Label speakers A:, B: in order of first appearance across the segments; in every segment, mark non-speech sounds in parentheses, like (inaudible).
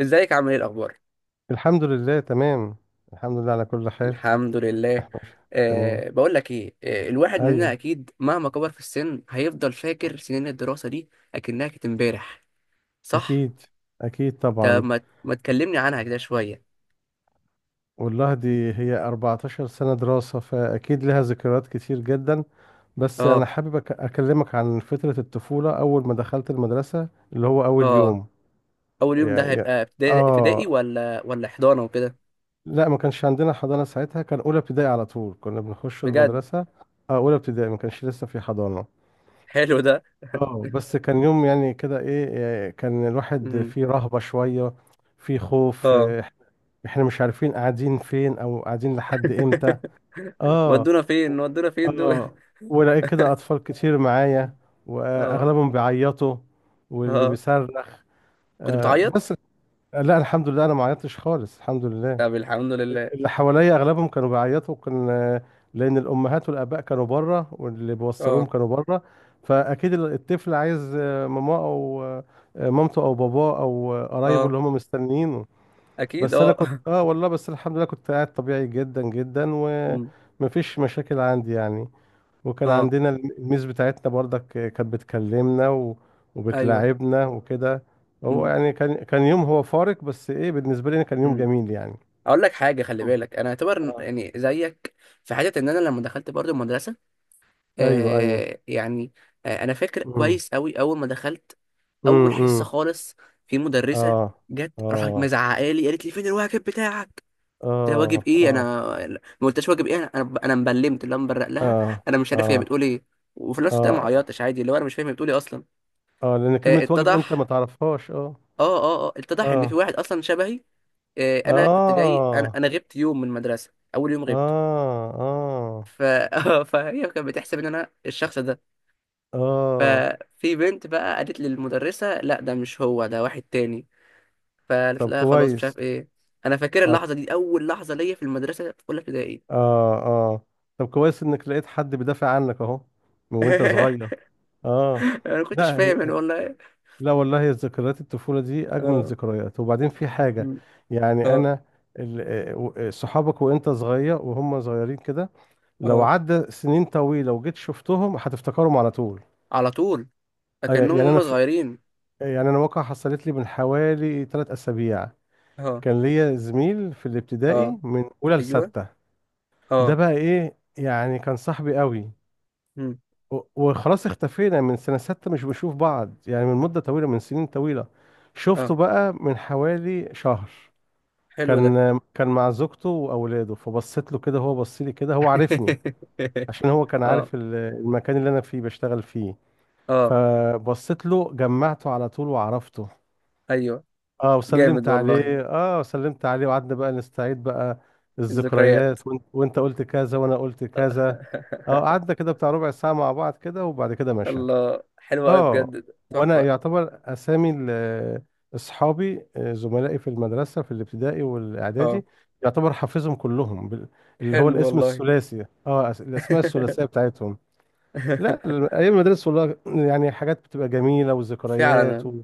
A: ازيك، عامل ايه، الاخبار؟
B: الحمد لله تمام. الحمد لله على كل حال.
A: الحمد لله.
B: (laughs) تمام.
A: بقول لك ايه، الواحد مننا
B: ايوه،
A: اكيد مهما كبر في السن هيفضل فاكر سنين الدراسه دي اكنها كانت امبارح. صح.
B: اكيد، اكيد
A: طب
B: طبعا.
A: ما تكلمني عنها كده شويه.
B: والله دي هي 14 سنة دراسة، فاكيد لها ذكريات كتير جدا. بس انا
A: اه.
B: حابب اكلمك عن فترة الطفولة اول ما دخلت المدرسة اللي هو اول
A: اه،
B: يوم.
A: اول يوم ده
B: يعني
A: هيبقى ابتدائي
B: اه
A: ولا حضانه وكده؟
B: لا، ما كانش عندنا حضانة ساعتها، كان اولى ابتدائي على طول كنا بنخش
A: بجد؟
B: المدرسة. اه اولى ابتدائي، ما كانش لسه في حضانة.
A: حلو ده.
B: اه بس كان يوم يعني كده ايه. كان الواحد
A: امم.
B: فيه رهبة شوية، فيه خوف،
A: اه.
B: احنا مش عارفين قاعدين فين او قاعدين لحد امتى.
A: (laughs)
B: اه
A: ودونا فين، ودونا فين دول؟
B: اه. ولقيت كده
A: (laughs)
B: اطفال كتير معايا،
A: اه.
B: واغلبهم بيعيطوا واللي
A: اه،
B: بيصرخ.
A: كنت
B: آه
A: بتعيط؟
B: بس لا الحمد لله انا ما عيطتش خالص، الحمد لله.
A: طب الحمد لله.
B: اللي حواليا اغلبهم كانوا بيعيطوا، كان لان الامهات والاباء كانوا بره، واللي بيوصلوهم
A: اه.
B: كانوا بره. فاكيد الطفل عايز ماما او مامته او باباه او قرايبه
A: اه،
B: اللي هم مستنيينه.
A: اكيد
B: بس انا
A: اه.
B: كنت
A: (laughs)
B: اه والله بس الحمد لله كنت قاعد طبيعي جدا جدا،
A: مم.
B: ومفيش مشاكل عندي يعني. وكان
A: اه.
B: عندنا الميز بتاعتنا برضك، كانت بتكلمنا
A: ايوه.
B: وبتلاعبنا وكده. هو
A: امم.
B: يعني كان يوم هو فارق، بس ايه بالنسبه لي أنا كان يوم
A: امم،
B: جميل يعني.
A: اقول لك حاجه، خلي بالك، انا اعتبر
B: اه
A: يعني زيك، في حته ان انا لما دخلت برضو المدرسه،
B: ايوه ايوه.
A: آه يعني آه، انا فاكر
B: امم
A: كويس قوي اول ما دخلت. اول حصه
B: امم.
A: خالص في مدرسه
B: اه
A: جت راحت
B: اه.
A: مزعقه لي، قالت لي فين الواجب بتاعك. قلت لها واجب
B: اه
A: ايه،
B: اه.
A: انا ما قلتش واجب ايه، انا انا أنا مبلمت، اللي أنا مبرق لها.
B: اه
A: انا مش عارف هي
B: اه
A: بتقول ايه. وفي نفس الوقت أنا ما
B: اه
A: عيطتش عادي، اللي هو انا مش فاهم هي بتقول ايه اصلا.
B: اه. لان كلمة
A: آه،
B: واجب انت ما
A: اتضح،
B: تعرفهاش، اه
A: اه اتضح ان في
B: اه
A: واحد اصلا شبهي. انا كنت جاي، انا
B: اه.
A: انا غبت يوم من المدرسه، اول يوم
B: اه
A: غبته.
B: اه
A: ف... (laughs) فهي كانت بتحسب ان انا الشخص ده.
B: اه.
A: ففي بنت بقى قالت لي المدرسه لا، ده مش هو، ده واحد تاني. فقالت
B: طب
A: لها خلاص مش
B: كويس.
A: عارف ايه. انا فاكر
B: اه
A: اللحظه دي، اول لحظه ليا في المدرسه في اولى ابتدائي.
B: اه. آه. طب كويس انك لقيت حد بيدافع عنك اهو، من وانت صغير.
A: (laughs)
B: اه.
A: انا ما كنتش فاهم انا
B: لا،
A: والله.
B: لا والله ذكريات الطفولة دي أجمل
A: اه.
B: الذكريات، وبعدين في حاجة
A: م،.
B: يعني
A: اه.
B: أنا ال- صحابك وأنت صغير وهم صغيرين كده، لو
A: اه،
B: عدى سنين طويلة وجيت شفتهم هتفتكرهم على طول.
A: على طول،
B: آه،
A: اكنهم
B: يعني أنا
A: هم
B: في
A: صغيرين.
B: يعني أنا واقعة حصلت لي من حوالي ثلاث أسابيع.
A: اه.
B: كان ليا زميل في
A: اه.
B: الابتدائي من أولى
A: ايوه.
B: لستة. ده
A: اه.
B: بقى إيه يعني، كان صاحبي قوي،
A: م،.
B: وخلاص اختفينا من سنة ستة، مش بنشوف بعض يعني من مدة طويلة، من سنين طويلة. شفته
A: اه.
B: بقى من حوالي شهر.
A: حلو ده.
B: كان مع زوجته واولاده، فبصيت له كده، هو بص لي كده، هو عارفني عشان هو
A: (laughs)
B: كان
A: اه.
B: عارف المكان اللي انا فيه بشتغل فيه.
A: اه.
B: فبصيت له، جمعته على طول وعرفته.
A: ايوه.
B: اه
A: جامد
B: وسلمت
A: والله،
B: عليه اه وسلمت عليه وقعدنا بقى نستعيد بقى
A: الذكريات.
B: الذكريات، وانت وانت قلت كذا وانا قلت كذا. اه قعدنا
A: (laughs)
B: كده بتاع ربع ساعة مع بعض كده، وبعد كده مشى.
A: الله، حلوة أوي بجد
B: اه
A: ده،
B: وانا
A: تحفة.
B: يعتبر اسامي اصحابي، زملائي في المدرسه في الابتدائي والاعدادي،
A: اه.
B: يعتبر حافظهم كلهم اللي هو
A: حلو
B: الاسم
A: والله.
B: الثلاثي، الاسماء الثلاثيه بتاعتهم. لا
A: (laughs)
B: ايام المدرسه والله، يعني حاجات بتبقى جميله وذكريات.
A: فعلا.
B: و...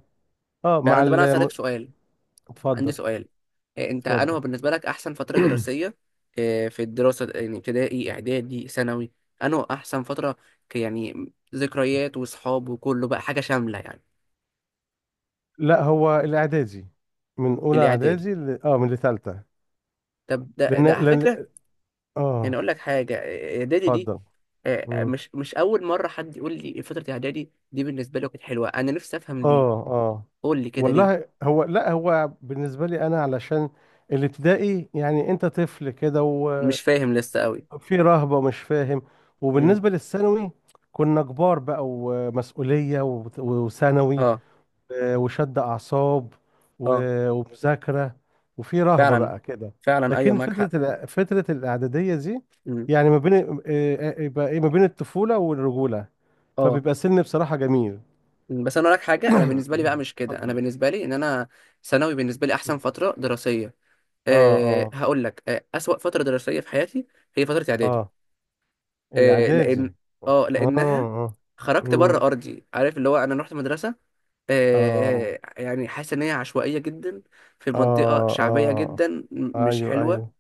B: اه مع
A: فعلا، طب أنا
B: ال...
A: هسألك سؤال، عندي
B: اتفضل.
A: سؤال: إيه أنت، أنا
B: اتفضل.
A: هو بالنسبة لك أحسن فترة
B: (clears throat)
A: دراسية، إيه، في الدراسة؟ يعني ابتدائي، إعدادي، ثانوي؟ أنا هو أحسن فترة، يعني ذكريات وصحاب وكله بقى، حاجة شاملة يعني.
B: لا هو الاعدادي، من اولى
A: الإعدادي؟
B: اعدادي ل... اه من لثالثه.
A: طب ده
B: لان
A: ده على فكرة،
B: لان
A: يعني
B: اه.
A: اقول لك حاجه، اعدادي دي،
B: اتفضل.
A: آه، مش اول مره حد يقول لي فتره اعدادي دي بالنسبه له كانت حلوه. انا نفسي افهم ليه،
B: اه اه.
A: قول لي كده ليه.
B: والله هو لا هو بالنسبة لي أنا علشان الابتدائي يعني أنت طفل كده، وفي
A: مش فاهم لسه قوي.
B: رهبة ومش فاهم.
A: امم.
B: وبالنسبة للثانوي كنا كبار بقى ومسؤولية، وثانوي،
A: اه.
B: وشد أعصاب
A: اه.
B: ومذاكرة، وفي رهبة
A: فعلا.
B: بقى كده.
A: فعلا، ايوه
B: لكن
A: معاك حق.
B: فترة الإعدادية دي
A: امم.
B: يعني ما بين يبقى إيه ما بين الطفولة والرجولة،
A: اه.
B: فبيبقى سن بصراحة جميل.
A: مم. بس انا اقول لك حاجه، انا
B: (coughs)
A: بالنسبه لي بقى مش كده، انا
B: اتفضل.
A: بالنسبه لي ان انا ثانوي بالنسبه لي احسن فتره دراسيه.
B: اه اه
A: هقول لك اسوأ فتره دراسيه في حياتي هي فتره اعدادي.
B: اه.
A: آه،
B: الاعدادي.
A: لان، اه،
B: اه
A: لانها
B: اه.
A: خرجت بره
B: امم.
A: ارضي، عارف، اللي هو انا رحت مدرسه،
B: اه
A: آه يعني حاسس ان هي عشوائيه جدا، في منطقه
B: اه
A: شعبيه
B: اه.
A: جدا، مش
B: ايوه
A: حلوه.
B: ايوه.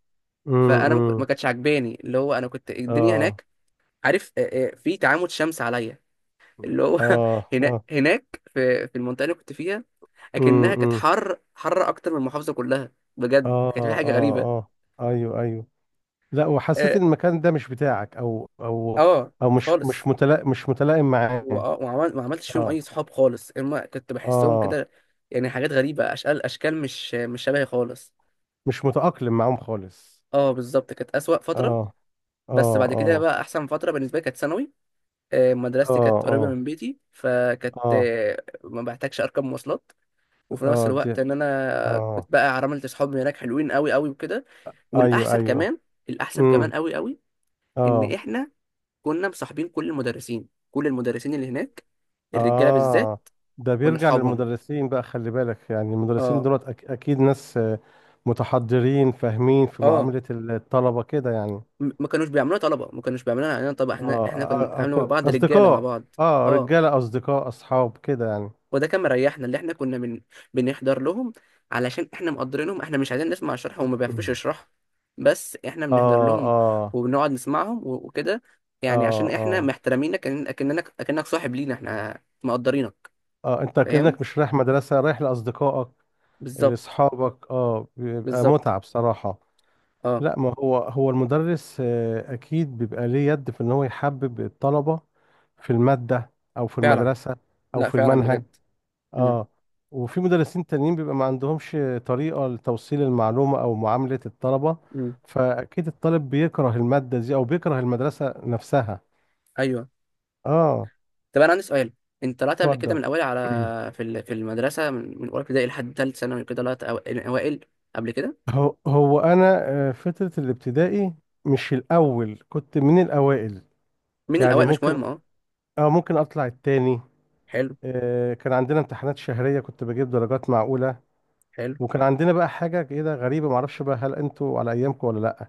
A: فانا
B: امم.
A: ما كانتش عجباني، اللي هو انا كنت الدنيا
B: اه
A: هناك، عارف آه، آه، في تعامد شمس عليا، اللي هو (laughs)
B: اه
A: هنا
B: اه.
A: هناك في المنطقه اللي كنت فيها اكنها كانت
B: امم.
A: حر اكتر من المحافظه كلها. بجد
B: اه
A: كانت في حاجه غريبه.
B: اه اه. ايوه ايوه. لا وحسيت
A: اه.
B: ان المكان ده مش بتاعك
A: آه،
B: او مش مش
A: خالص.
B: متلائم، مش متلائم معاه.
A: وآه، وعمل ما عملتش فيهم
B: اه
A: اي صحاب خالص، اما كنت بحسهم
B: اه.
A: كده يعني حاجات غريبه، اشكال مش شبهي خالص.
B: مش متأقلم معاهم خالص.
A: اه بالظبط، كانت اسوأ فتره.
B: اه
A: بس
B: اه
A: بعد كده
B: اه
A: بقى احسن فتره بالنسبه لي كانت ثانوي. آه، مدرستي
B: اه
A: كانت قريبه
B: اه
A: من بيتي، فكانت
B: اه
A: آه، ما بحتاجش اركب مواصلات. وفي نفس
B: اه دي.
A: الوقت ان انا
B: اه
A: كنت بقى عملت صحاب هناك حلوين قوي قوي وكده.
B: ايوه
A: والاحسن
B: ايوه.
A: كمان، الاحسن
B: امم.
A: كمان قوي قوي، ان
B: اه
A: احنا كنا مصاحبين كل المدرسين، كل المدرسين اللي هناك، الرجاله بالذات،
B: اه. ده
A: كنا
B: بيرجع
A: صحابهم.
B: للمدرسين بقى، خلي بالك يعني المدرسين
A: اه.
B: دولت اكيد ناس متحضرين، فاهمين في
A: اه.
B: معاملة الطلبة كده يعني.
A: ما كانوش بيعملوها طلبه، ما كانوش بيعملوها علينا، طبعا
B: اه
A: احنا كنا بنتعامل مع بعض رجاله مع
B: اصدقاء.
A: بعض.
B: اه
A: اه،
B: رجالة، اصدقاء، اصحاب كده يعني.
A: وده كان مريحنا، اللي احنا كنا من بنحضر لهم، علشان احنا مقدرينهم، احنا مش عايزين نسمع شرح وما بيعرفوش
B: مم.
A: يشرحوا، بس احنا بنحضر
B: اه
A: لهم
B: اه
A: وبنقعد نسمعهم وكده، يعني
B: اه
A: عشان احنا
B: اه
A: محترمينك، اكنك صاحب لينا، احنا مقدرينك.
B: اه. انت
A: فاهم.
B: كأنك مش رايح مدرسة، رايح لأصدقائك
A: بالظبط.
B: لأصحابك، اه بيبقى
A: بالظبط.
B: متعة بصراحة.
A: اه.
B: لا ما هو هو المدرس أكيد بيبقى ليه يد في إن هو يحبب الطلبة في المادة أو في
A: فعلا.
B: المدرسة أو
A: لا
B: في
A: فعلا
B: المنهج.
A: بجد. مم.
B: اه وفي مدرسين تانيين بيبقى ما عندهمش طريقة لتوصيل المعلومة أو معاملة الطلبة،
A: مم.
B: فأكيد الطالب بيكره المادة دي أو بيكره المدرسة نفسها.
A: ايوه.
B: اه.
A: طب انا عندي سؤال: انت طلعت قبل كده
B: اتفضل.
A: من الاول
B: (clears throat)
A: على في في المدرسه، من من اولى ابتدائي لحد ثالث ثانوي كده طلعت الاوائل قبل كده؟
B: هو أنا فترة الابتدائي مش الأول، كنت من الأوائل.
A: مين
B: يعني
A: الاوائل، مش
B: ممكن
A: مهم اه.
B: اه ممكن أطلع التاني.
A: حلو.
B: كان عندنا امتحانات شهرية، كنت بجيب درجات معقولة.
A: حلو.
B: وكان عندنا بقى حاجة كده غريبة، معرفش بقى هل انتوا على أيامكم ولا لأ.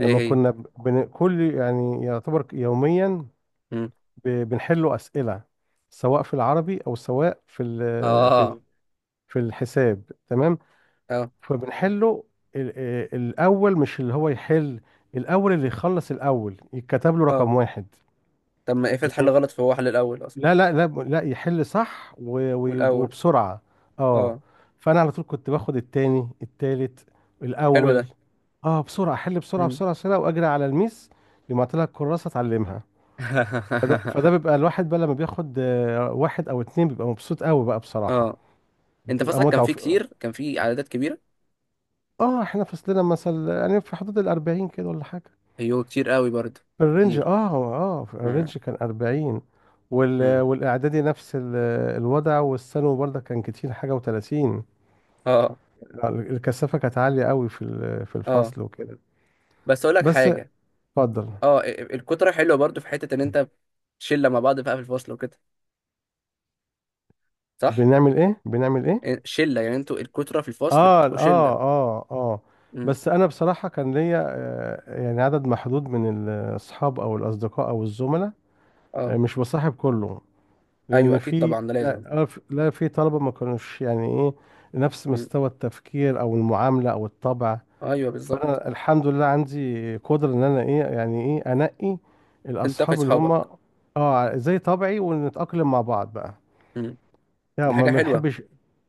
A: ايه هي؟
B: كل يعني يعتبر يوميا
A: مم.
B: بنحلوا أسئلة، سواء في العربي أو سواء
A: اه.
B: في الحساب تمام.
A: اه.
B: فبنحله الأول مش اللي هو يحل، الأول اللي يخلص الأول يتكتب له
A: اه،
B: رقم واحد.
A: طب ما افرض حل
B: يعني
A: غلط فهو حل الاول اصلا
B: لا يحل صح
A: والاول.
B: وبسرعة. اه
A: اه.
B: فأنا على طول كنت باخد التاني
A: حلو
B: الأول.
A: ده.
B: اه بسرعه احل بسرعه
A: مم.
B: بسرعه بسرعه واجري على الميس، لما طلع الكراسه اتعلمها. فده
A: (laughs)
B: بيبقى الواحد بقى لما بياخد واحد او اتنين، بيبقى مبسوط قوي بقى بصراحه،
A: اه، انت
B: بتبقى
A: فصلك
B: متعه.
A: كان فيه
B: وف...
A: كتير، كان فيه عددات كبيره؟
B: اه احنا فصلنا مثلا يعني في حدود ال 40 كده ولا حاجه،
A: ايوه كتير قوي برضه.
B: في الرينج
A: كتير.
B: اه. اه في
A: مم.
B: الرينج كان 40.
A: مم.
B: والاعدادي نفس ال... الوضع، والثانوي برضه كان كتير حاجه و30.
A: اه.
B: الكثافه كانت عاليه قوي في
A: اه.
B: الفصل وكده.
A: بس اقول لك
B: بس.
A: حاجه،
B: اتفضل.
A: اه، الكترة حلوة برضو في حتة ان انت شلة مع بعض بقى في الفصل وكده، صح؟
B: بنعمل ايه بنعمل ايه.
A: شلة، يعني انتوا الكترة في الفصل
B: اه
A: بتبقوا شلة.
B: اه اه اه.
A: امم.
B: بس انا بصراحه كان ليا يعني عدد محدود من الاصحاب او الاصدقاء او الزملاء،
A: اه.
B: مش بصاحب كله،
A: ايوه
B: لان
A: اكيد
B: في
A: طبعا ده لازم.
B: لا في طلبه ما كانوش يعني ايه نفس
A: امم.
B: مستوى التفكير او المعامله او الطبع.
A: ايوه بالظبط.
B: فانا الحمد لله عندي قدره ان انا ايه يعني ايه انقي
A: تنتقي
B: الاصحاب اللي هم
A: صحابك.
B: اه زي طبعي ونتاقلم مع بعض بقى.
A: امم.
B: يعني
A: دي
B: ما
A: حاجة حلوة.
B: بنحبش،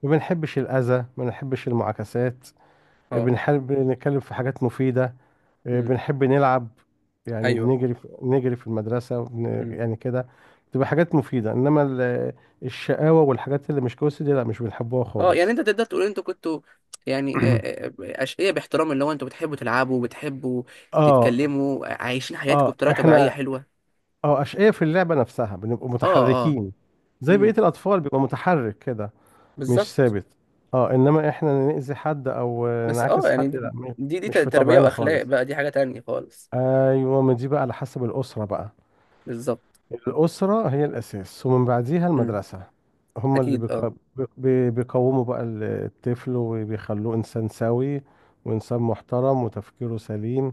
B: ما بنحبش الاذى، ما بنحبش المعاكسات.
A: اه.
B: بنحب نتكلم في حاجات مفيدة،
A: امم.
B: بنحب نلعب، يعني
A: ايوه.
B: بنجري في نجري في المدرسة
A: امم.
B: يعني كده، بتبقى حاجات مفيدة. إنما الشقاوة والحاجات اللي مش كويسة دي لا مش بنحبوها
A: اه يعني
B: خالص.
A: انت تقدر تقول انتوا كنتوا، يعني آه،
B: (clears throat)
A: اشقياء باحترام، اللي هو انتوا بتحبوا تلعبوا وبتحبوا
B: اه
A: تتكلموا، عايشين حياتكم
B: اه.
A: بطريقة طبيعية
B: احنا
A: حلوة.
B: اه أشقياء في اللعبة نفسها، بنبقى
A: اه. اه.
B: متحركين زي بقية
A: امم.
B: الأطفال، بيبقى متحرك كده مش
A: بالظبط.
B: ثابت. اه إنما احنا نأذي حد أو
A: بس اه
B: نعاكس
A: يعني
B: حد، لا
A: دي، دي
B: مش
A: دي
B: في
A: تربية
B: طبعنا
A: واخلاق
B: خالص.
A: بقى، دي حاجة تانية خالص.
B: أيوة، ما دي بقى على حسب الأسرة بقى،
A: بالظبط.
B: الأسرة هي الأساس ومن بعديها
A: مم.
B: المدرسة، هما اللي
A: اكيد اه.
B: بيق- بي- بيقوموا بقى الطفل وبيخلوه إنسان سوي وإنسان محترم وتفكيره سليم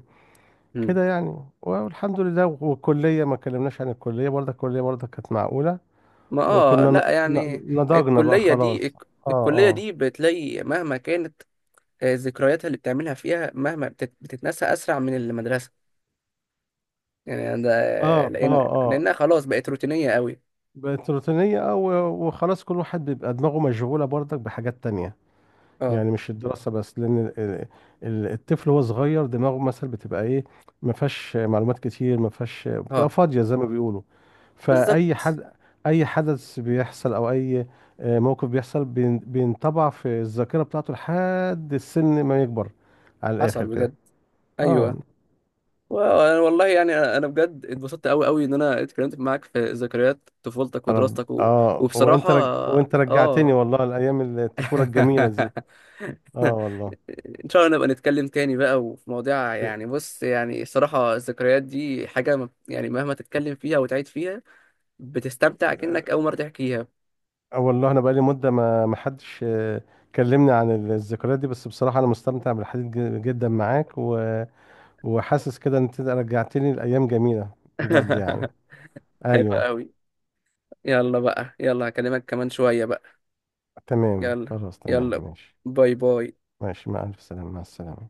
A: مم.
B: كده يعني. والحمد لله. والكلية، ما اتكلمناش عن الكلية برضه، الكلية برضه كانت معقولة،
A: ما اه
B: وكنا
A: لا يعني
B: نضجنا بقى
A: الكلية دي،
B: خلاص. اه
A: الكلية
B: اه
A: دي بتلاقي مهما كانت آه، ذكرياتها اللي بتعملها فيها مهما بتتنسى اسرع من المدرسة، يعني ده
B: اه اه
A: لان،
B: اه.
A: لانها خلاص بقت روتينية قوي.
B: بقت روتينية اه، وخلاص كل واحد بيبقى دماغه مشغولة برضك بحاجات تانية،
A: اه.
B: يعني مش الدراسة بس. لأن الطفل وهو صغير دماغه مثلا بتبقى إيه، ما فيهاش معلومات كتير، ما فيهاش، بتبقى
A: اه.
B: فاضية زي ما بيقولوا. فأي
A: بالظبط.
B: حد، أي حدث بيحصل أو أي موقف بيحصل بينطبع في الذاكرة بتاعته لحد السن ما يكبر، على الآخر
A: حصل
B: كده.
A: بجد.
B: آه.
A: ايوه. و- والله يعني أنا بجد اتبسطت قوي قوي ان انا اتكلمت معاك في ذكريات طفولتك ودراستك و... وبصراحة
B: وأنت رجعتني
A: اه
B: والله لأيام الطفولة الجميلة دي.
A: (laughs)
B: آه.
A: ان شاء الله نبقى نتكلم تاني بقى، وفي مواضيع،
B: والله
A: يعني بص يعني الصراحة الذكريات دي حاجة يعني مهما تتكلم فيها وتعيد فيها بتستمتع كأنك أول مرة تحكيها.
B: اه والله انا بقالي مده، ما ما حدش كلمني عن الذكريات دي، بس بصراحه انا مستمتع بالحديث جدا معاك، و... وحاسس كده ان انت رجعتني لايام جميله، بجد يعني.
A: (laughs) حلو
B: ايوه.
A: قوي. يلا بقى، يلا هكلمك كمان شوية بقى.
B: تمام،
A: يلا.
B: خلاص تمام،
A: يلا.
B: ماشي.
A: باي باي.
B: ماشي، مع الف سلامه، مع السلامه.